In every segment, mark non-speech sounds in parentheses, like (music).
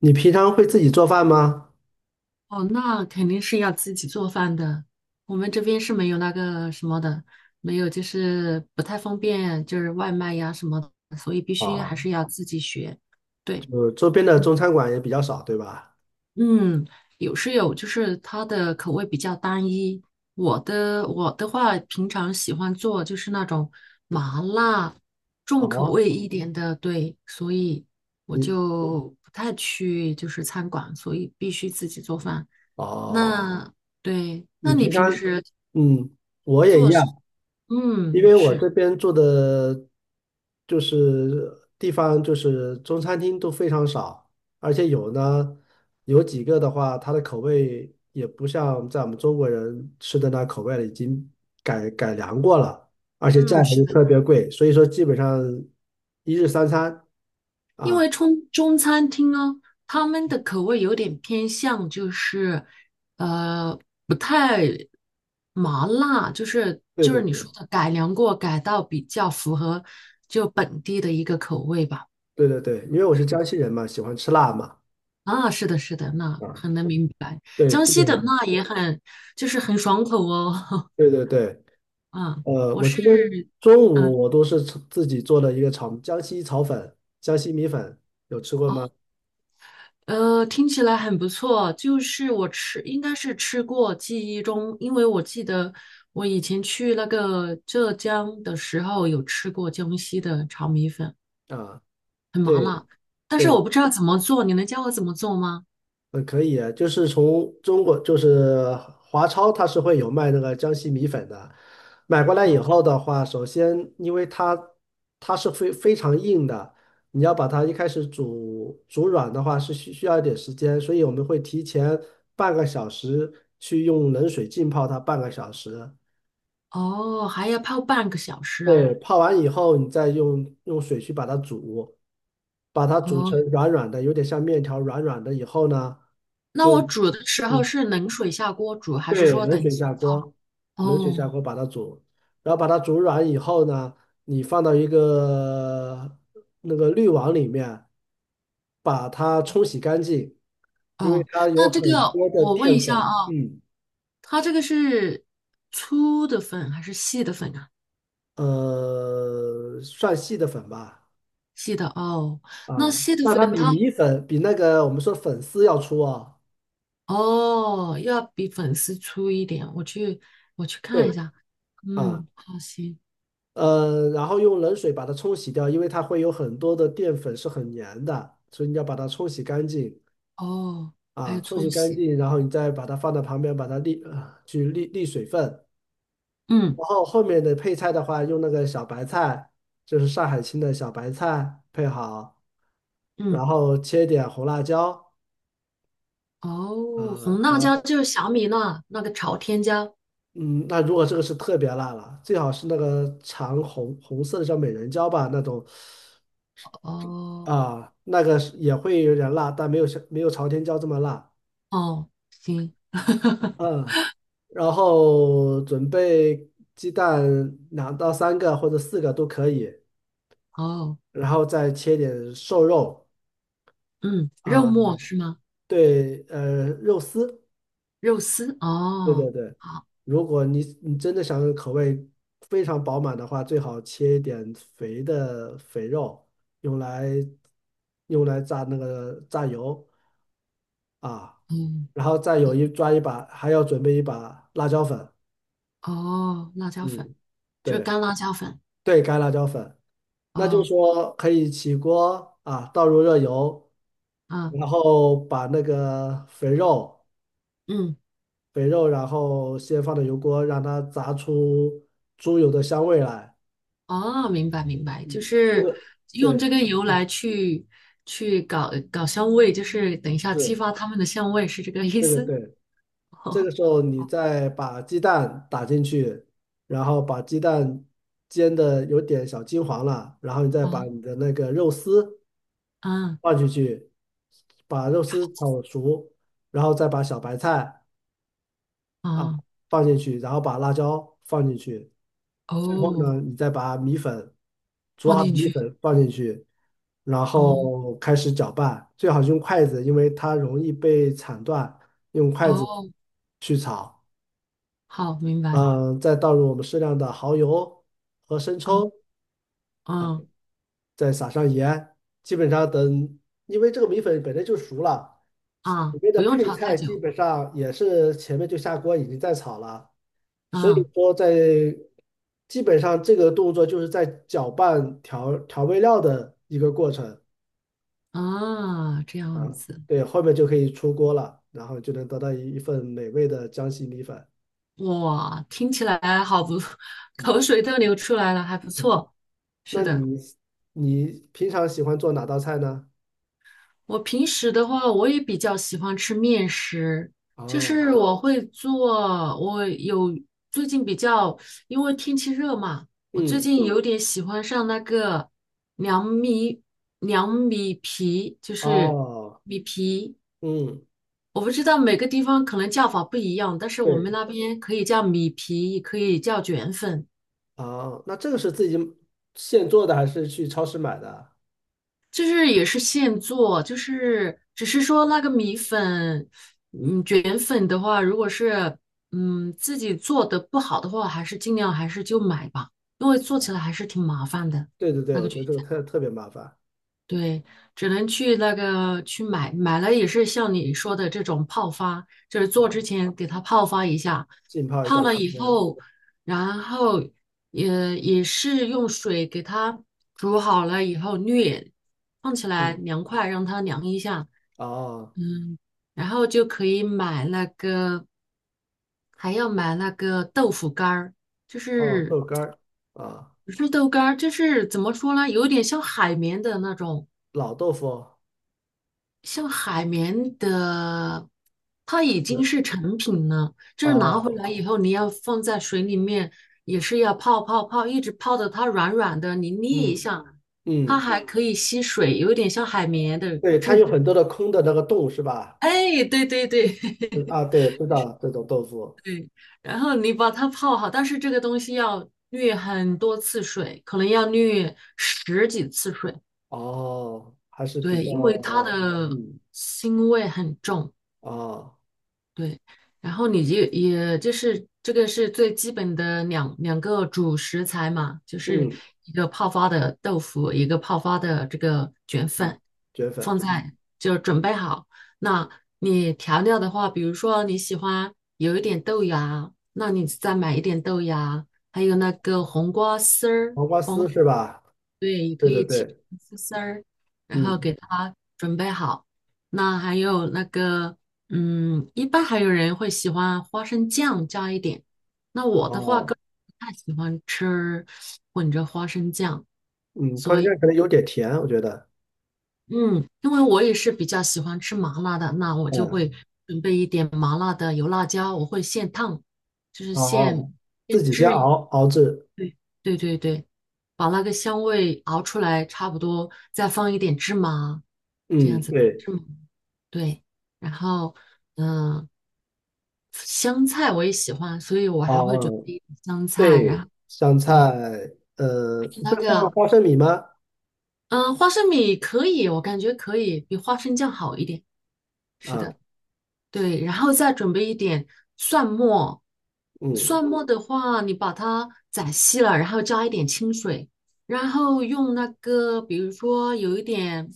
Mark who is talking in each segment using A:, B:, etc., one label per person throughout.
A: 你平常会自己做饭吗？
B: 哦，那肯定是要自己做饭的。我们这边是没有那个什么的，没有，就是不太方便，就是外卖呀什么的，所以必须还
A: 啊，
B: 是要自己学。对。
A: 就周边的中餐馆也比较少，对吧？
B: 嗯，有是有，就是它的口味比较单一。我的话，平常喜欢做就是那种麻辣重口
A: 哦，
B: 味一点的，对，所以我
A: 你
B: 就不太去就是餐馆，所以必须自己做饭。哦
A: 哦，
B: 那对，
A: 你
B: 那你
A: 平
B: 平
A: 常，
B: 时
A: 嗯，我也一
B: 做是？
A: 样，因
B: 嗯，
A: 为我
B: 是，
A: 这边住的，就是地方，就是中餐厅都非常少，而且有几个的话，它的口味也不像在我们中国人吃的那口味了，已经改良过了，而且
B: 嗯，
A: 价格
B: 是
A: 又
B: 的。
A: 特别贵，所以说基本上一日三餐
B: 因为
A: 啊。
B: 中餐厅哦，他们的口味有点偏向，就是呃不太麻辣，就是
A: 对
B: 就
A: 对
B: 是你
A: 对
B: 说的改良过，改到比较符合就本地的一个口味吧。
A: 对对对，因为我是
B: 是
A: 江西人嘛，喜欢吃辣嘛，
B: 啊，是的，是的，那
A: 啊，
B: 很能明白。
A: 对，
B: 江
A: 基
B: 西
A: 本上
B: 的
A: 是
B: 辣也很就是很爽口哦。
A: 对对对，
B: (laughs) 啊，我
A: 我
B: 是
A: 今天中
B: 啊。
A: 午我都是自己做了一个江西炒粉，江西米粉，有吃过吗？
B: 听起来很不错。就是我吃，应该是吃过，记忆中，因为我记得我以前去那个浙江的时候有吃过江西的炒米粉，
A: 啊，
B: 很麻
A: 对
B: 辣，但是
A: 对
B: 我不知道怎么做，你能教我怎么做吗？
A: 嗯，可以啊，就是从中国，就是华超，它是会有卖那个江西米粉的。买过来
B: 啊
A: 以后的话，首先因为它是非常硬的，你要把它一开始煮软的话是需要一点时间，所以我们会提前半个小时去用冷水浸泡它半个小时。
B: 哦，还要泡半个小时啊。
A: 对，泡完以后，你再用水去把它煮，把它煮
B: 哦，
A: 成软软的，有点像面条软软的以后呢，
B: 那
A: 就。
B: 我煮的时候
A: 嗯
B: 是冷水下锅煮，还是
A: 对，
B: 说等级泡了？
A: 冷水
B: 哦
A: 下锅把它煮，然后把它煮软以后呢，你放到一个那个滤网里面，把它冲洗干净，因为
B: 哦，
A: 它有
B: 那这
A: 很
B: 个
A: 多的
B: 我问
A: 淀
B: 一下
A: 粉，
B: 啊，
A: 嗯，
B: 它这个是粗的粉还是细的粉啊？
A: 算细的粉吧，
B: 细的哦，那
A: 啊，
B: 细的
A: 但它
B: 粉
A: 比
B: 它
A: 米粉比那个我们说粉丝要粗啊，
B: 哦要比粉丝粗一点，我去
A: 对，
B: 看一下。
A: 啊，
B: 嗯，好行
A: 然后用冷水把它冲洗掉，因为它会有很多的淀粉是很粘的，所以你要把它冲洗干净。
B: 哦，还
A: 啊，
B: 有
A: 冲
B: 搓
A: 洗干
B: 洗，
A: 净，然后你再把它放到旁边，把它沥呃去沥沥水分。
B: 嗯
A: 然后后面的配菜的话，用那个小白菜，就是上海青的小白菜配好，
B: 嗯
A: 然后切点红辣椒，
B: 哦，红
A: 呃，
B: 辣
A: 然
B: 椒
A: 后
B: 就是小米辣那个朝天椒
A: 嗯，那如果这个是特别辣了，最好是那个长红色的叫美人椒吧，那种
B: 哦
A: 啊，那个是也会有点辣，但没有像没有朝天椒这么辣。
B: 哦行 (laughs)
A: 嗯，然后准备鸡蛋两到三个或者四个都可以，
B: 哦
A: 然后再切点瘦肉
B: 嗯，肉
A: 啊，
B: 末是吗？
A: 对，肉丝，
B: 肉丝
A: 对对
B: 哦
A: 对。
B: 好
A: 如果你真的想口味非常饱满的话，最好切一点肥肉，用来用来炸那个炸油啊，
B: 嗯
A: 然后再有一把，还要准备一把辣椒粉，
B: 哦辣椒粉
A: 嗯，
B: 就是
A: 对
B: 干辣椒粉
A: 对，干辣椒粉。那就是
B: 哦
A: 说可以起锅啊，倒入热油，
B: 嗯
A: 然后把那个肥肉，
B: 嗯。
A: 肥肉，然后先放到油锅，让它炸出猪油的香味来。
B: 哦，明白明白，就
A: 嗯，这
B: 是
A: 个
B: 用
A: 对，
B: 这个油
A: 嗯
B: 来去去搞香味，就是等一下激
A: 是，
B: 发他们的香味，是这个意
A: 对对
B: 思？
A: 对。这个时候你
B: 哦，
A: 再把鸡蛋打进去，然后把鸡蛋煎的有点小金黄了，然后你再把
B: 啊
A: 你的那个肉丝
B: 啊
A: 放进去，把肉丝炒熟，然后再把小白菜。啊，
B: 哦，
A: 放进去，然后把辣椒放进去，最后
B: 哦
A: 呢，你再把煮
B: 放
A: 好的
B: 进
A: 米
B: 去，
A: 粉放进去，然
B: 哦
A: 后开始搅拌，最好是用筷子，因为它容易被铲断，用筷子
B: 哦，
A: 去炒。
B: 好，明白，
A: 嗯，再倒入我们适量的蚝油和生
B: 嗯
A: 抽啊，
B: 嗯
A: 再撒上盐，基本上，因为这个米粉本来就熟了，
B: 啊，
A: 里面的
B: 不用
A: 配
B: 炒太
A: 菜基
B: 久，
A: 本上也是前面就下锅已经在炒了。所以
B: 嗯
A: 说基本上这个动作就是在搅拌调味料的一个过程
B: 啊，这样
A: 啊，
B: 子，
A: 对，后面就可以出锅了，然后就能得到一份美味的江西米粉。
B: 哇，听起来好不，(laughs) 口
A: 嗯，
B: 水都流出来了，还不错，是
A: 那
B: 的。
A: 你平常喜欢做哪道菜呢？
B: 我平时的话，我也比较喜欢吃面食，就
A: 哦，
B: 是我会做，我有最近比较，因为天气热嘛，我最
A: 嗯，
B: 近有点喜欢上那个凉米凉米皮，就是
A: 哦，嗯，
B: 我不知道每个地方可能叫法不一样，但是我们
A: 对，
B: 那边可以叫米皮，也可以叫卷粉。
A: 哦，那这个是自己现做的还是去超市买的？
B: 就是也是现做，就是只是说那个米粉，嗯，卷粉的话，如果是自己做的不好的话，还是尽量还是就买吧，因为做起来还
A: 哦
B: 是挺麻烦的，
A: 对对对，
B: 那
A: 我
B: 个
A: 觉
B: 卷。
A: 得这个特别麻烦
B: 对，只能去那个去买，买了也是像你说的这种泡发，就是做
A: 啊，
B: 之前给它泡发一下，
A: 浸泡一
B: 泡
A: 段
B: 了
A: 时
B: 以
A: 间。
B: 后，然后也是用水给它煮好了以后滤，放起来
A: 嗯，
B: 凉快，让它凉一下，
A: 哦。
B: 嗯，然后就可以买那个，还要买那个豆腐干儿，就
A: 哦，
B: 是
A: 豆干儿啊，
B: 不是豆干儿，就是怎么说呢，有点像海绵的那种。
A: 老豆腐
B: 像海绵的，它已经
A: 是
B: 是成品了，就是拿
A: 啊，
B: 回来以后，你要放在水里面，也是要泡，一直泡的它软软的，你捏一
A: 嗯
B: 下，它
A: 嗯，
B: 还可以吸水，有点像海绵的
A: 对，它
B: 质
A: 有
B: 地。
A: 很多的空的那个洞是吧？
B: 哎，对对对，
A: 对
B: (laughs)
A: 啊，对，知道这种豆腐
B: 对。然后你把它泡好，但是这个东西要滤很多次水，可能要滤十几次水，
A: 哦，还是比
B: 对，
A: 较
B: 因为它的
A: 嗯
B: 腥味很重。
A: 啊，
B: 对，然后你就也就是这个是最基本的两个主食材嘛，就是
A: 嗯
B: 一个泡发的豆腐，一个泡发的这个卷
A: 嗯，
B: 粉，
A: 卷粉
B: 放
A: 嗯，
B: 在就准备好。那你调料的话，比如说你喜欢有一点豆芽，那你再买一点豆芽，还有那个黄瓜丝儿，
A: 黄瓜丝是吧？
B: 对，也
A: 对
B: 可
A: 对
B: 以切
A: 对，
B: 成丝儿，然后
A: 嗯
B: 给它准备好。那还有那个，嗯，一般还有人会喜欢花生酱加一点。那我的话，
A: 哦
B: 个人不太喜欢吃混着花生酱，
A: 嗯，烤
B: 所
A: 鸡
B: 以，
A: 可能有点甜，我觉得
B: 嗯，因为我也是比较喜欢吃麻辣的，那我就
A: 嗯
B: 会准备一点麻辣的油辣椒，我会现烫，就是现
A: 哦，自
B: 现
A: 己先
B: 制。
A: 熬制，
B: 对对，把那个香味熬出来，差不多再放一点芝麻，这样
A: 嗯
B: 子
A: 对，
B: 芝麻，对，然后嗯、呃香菜我也喜欢，所以我还会
A: 哦
B: 准
A: 嗯
B: 备一点香菜，然
A: 对，
B: 后
A: 香菜，
B: 对，而且
A: 你
B: 那
A: 会放
B: 个
A: 花生米吗？
B: 花生米可以，我感觉可以比花生酱好一点，是的。
A: 啊，
B: 对，然后再准备一点蒜末，
A: 嗯，
B: 蒜末的话，你把它宰细了，然后加一点清水，然后用那个，比如说有一点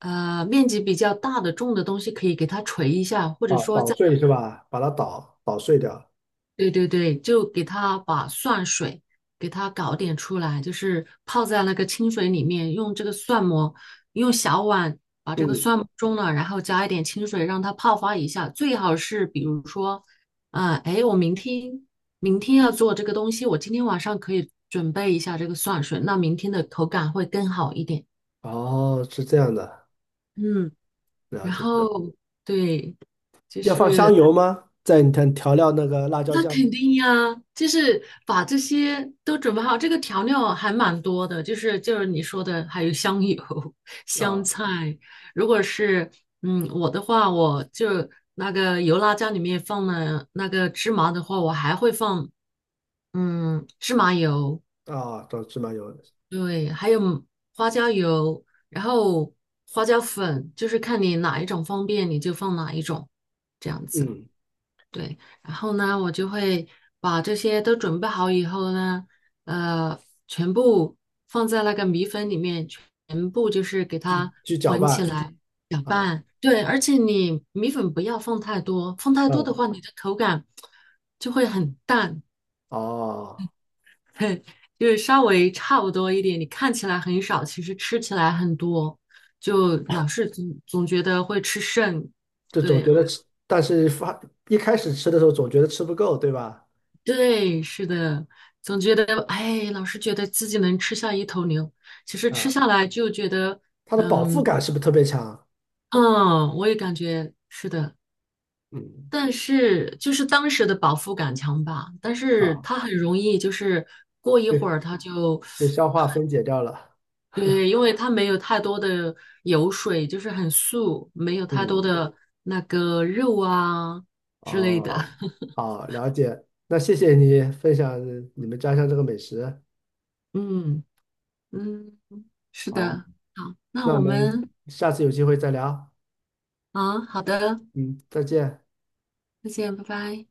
B: 面积比较大的重的东西，可以给它捶一下，或者
A: 啊，
B: 说
A: 捣
B: 在
A: 碎是吧？把它捣碎掉。
B: 对对对，就给它把蒜水给它搞点出来，就是泡在那个清水里面，用这个蒜末，用小碗把这个
A: 嗯，
B: 蒜末中了，然后加一点清水让它泡发一下。最好是比如说，我明天明天要做这个东西，我今天晚上可以准备一下这个蒜水，那明天的口感会更好一点。
A: 哦，是这样的，
B: 嗯，
A: 了
B: 然
A: 解。
B: 后对。
A: 要放香油吗？在你看调料那个辣椒
B: 那
A: 酱
B: 肯定呀，就是把这些都准备好，这个调料还蛮多的，就是你说的，还有香油、(laughs) 香
A: 啊
B: 菜。如果是我的话，我就那个油辣椒里面放了那个芝麻的话，我还会放芝麻油，
A: 啊，找芝麻油，
B: 对，还有花椒油，然后花椒粉，就是看你哪一种方便你就放哪一种，这样子。
A: 嗯，
B: 对，然后呢，我就会把这些都准备好以后呢，呃，全部放在那个米粉里面，全部就是给
A: 去
B: 它
A: 去搅
B: 混起
A: 拌
B: 来，搅
A: 啊，
B: 拌。对，而且你米粉不要放太多，放太多的
A: 嗯，
B: 话，你的口感就会很淡，
A: 哦，
B: (laughs) 嘿，就是稍微差不多一点。你看起来很少，其实吃起来很多，就老是总觉得会吃剩。
A: 这总
B: 对，
A: 觉得吃，但是一开始吃的时候总觉得吃不够，对吧？
B: 对，是的，总觉得哎，老是觉得自己能吃下一头牛，其实吃
A: 啊，
B: 下来就觉得，
A: 它的饱腹
B: 嗯
A: 感是不是特别强？
B: 嗯，我也感觉是的，
A: 嗯，
B: 但是就是当时的饱腹感强吧，但是
A: 啊。
B: 它很容易就是过一会
A: 对。
B: 儿它就，
A: 被消化分解掉了。
B: 对，因为它没有太多的油水，就是很素，没有太多
A: 嗯，
B: 的那个肉啊之类的，
A: 哦，
B: (laughs)
A: 好，了解。那谢谢你分享你们家乡这个美食。
B: 嗯嗯，是
A: 好，
B: 的，好，那
A: 那我
B: 我
A: 们
B: 们
A: 下次有机会再聊。
B: 啊，好的。
A: 嗯，再见。
B: 再见，拜拜。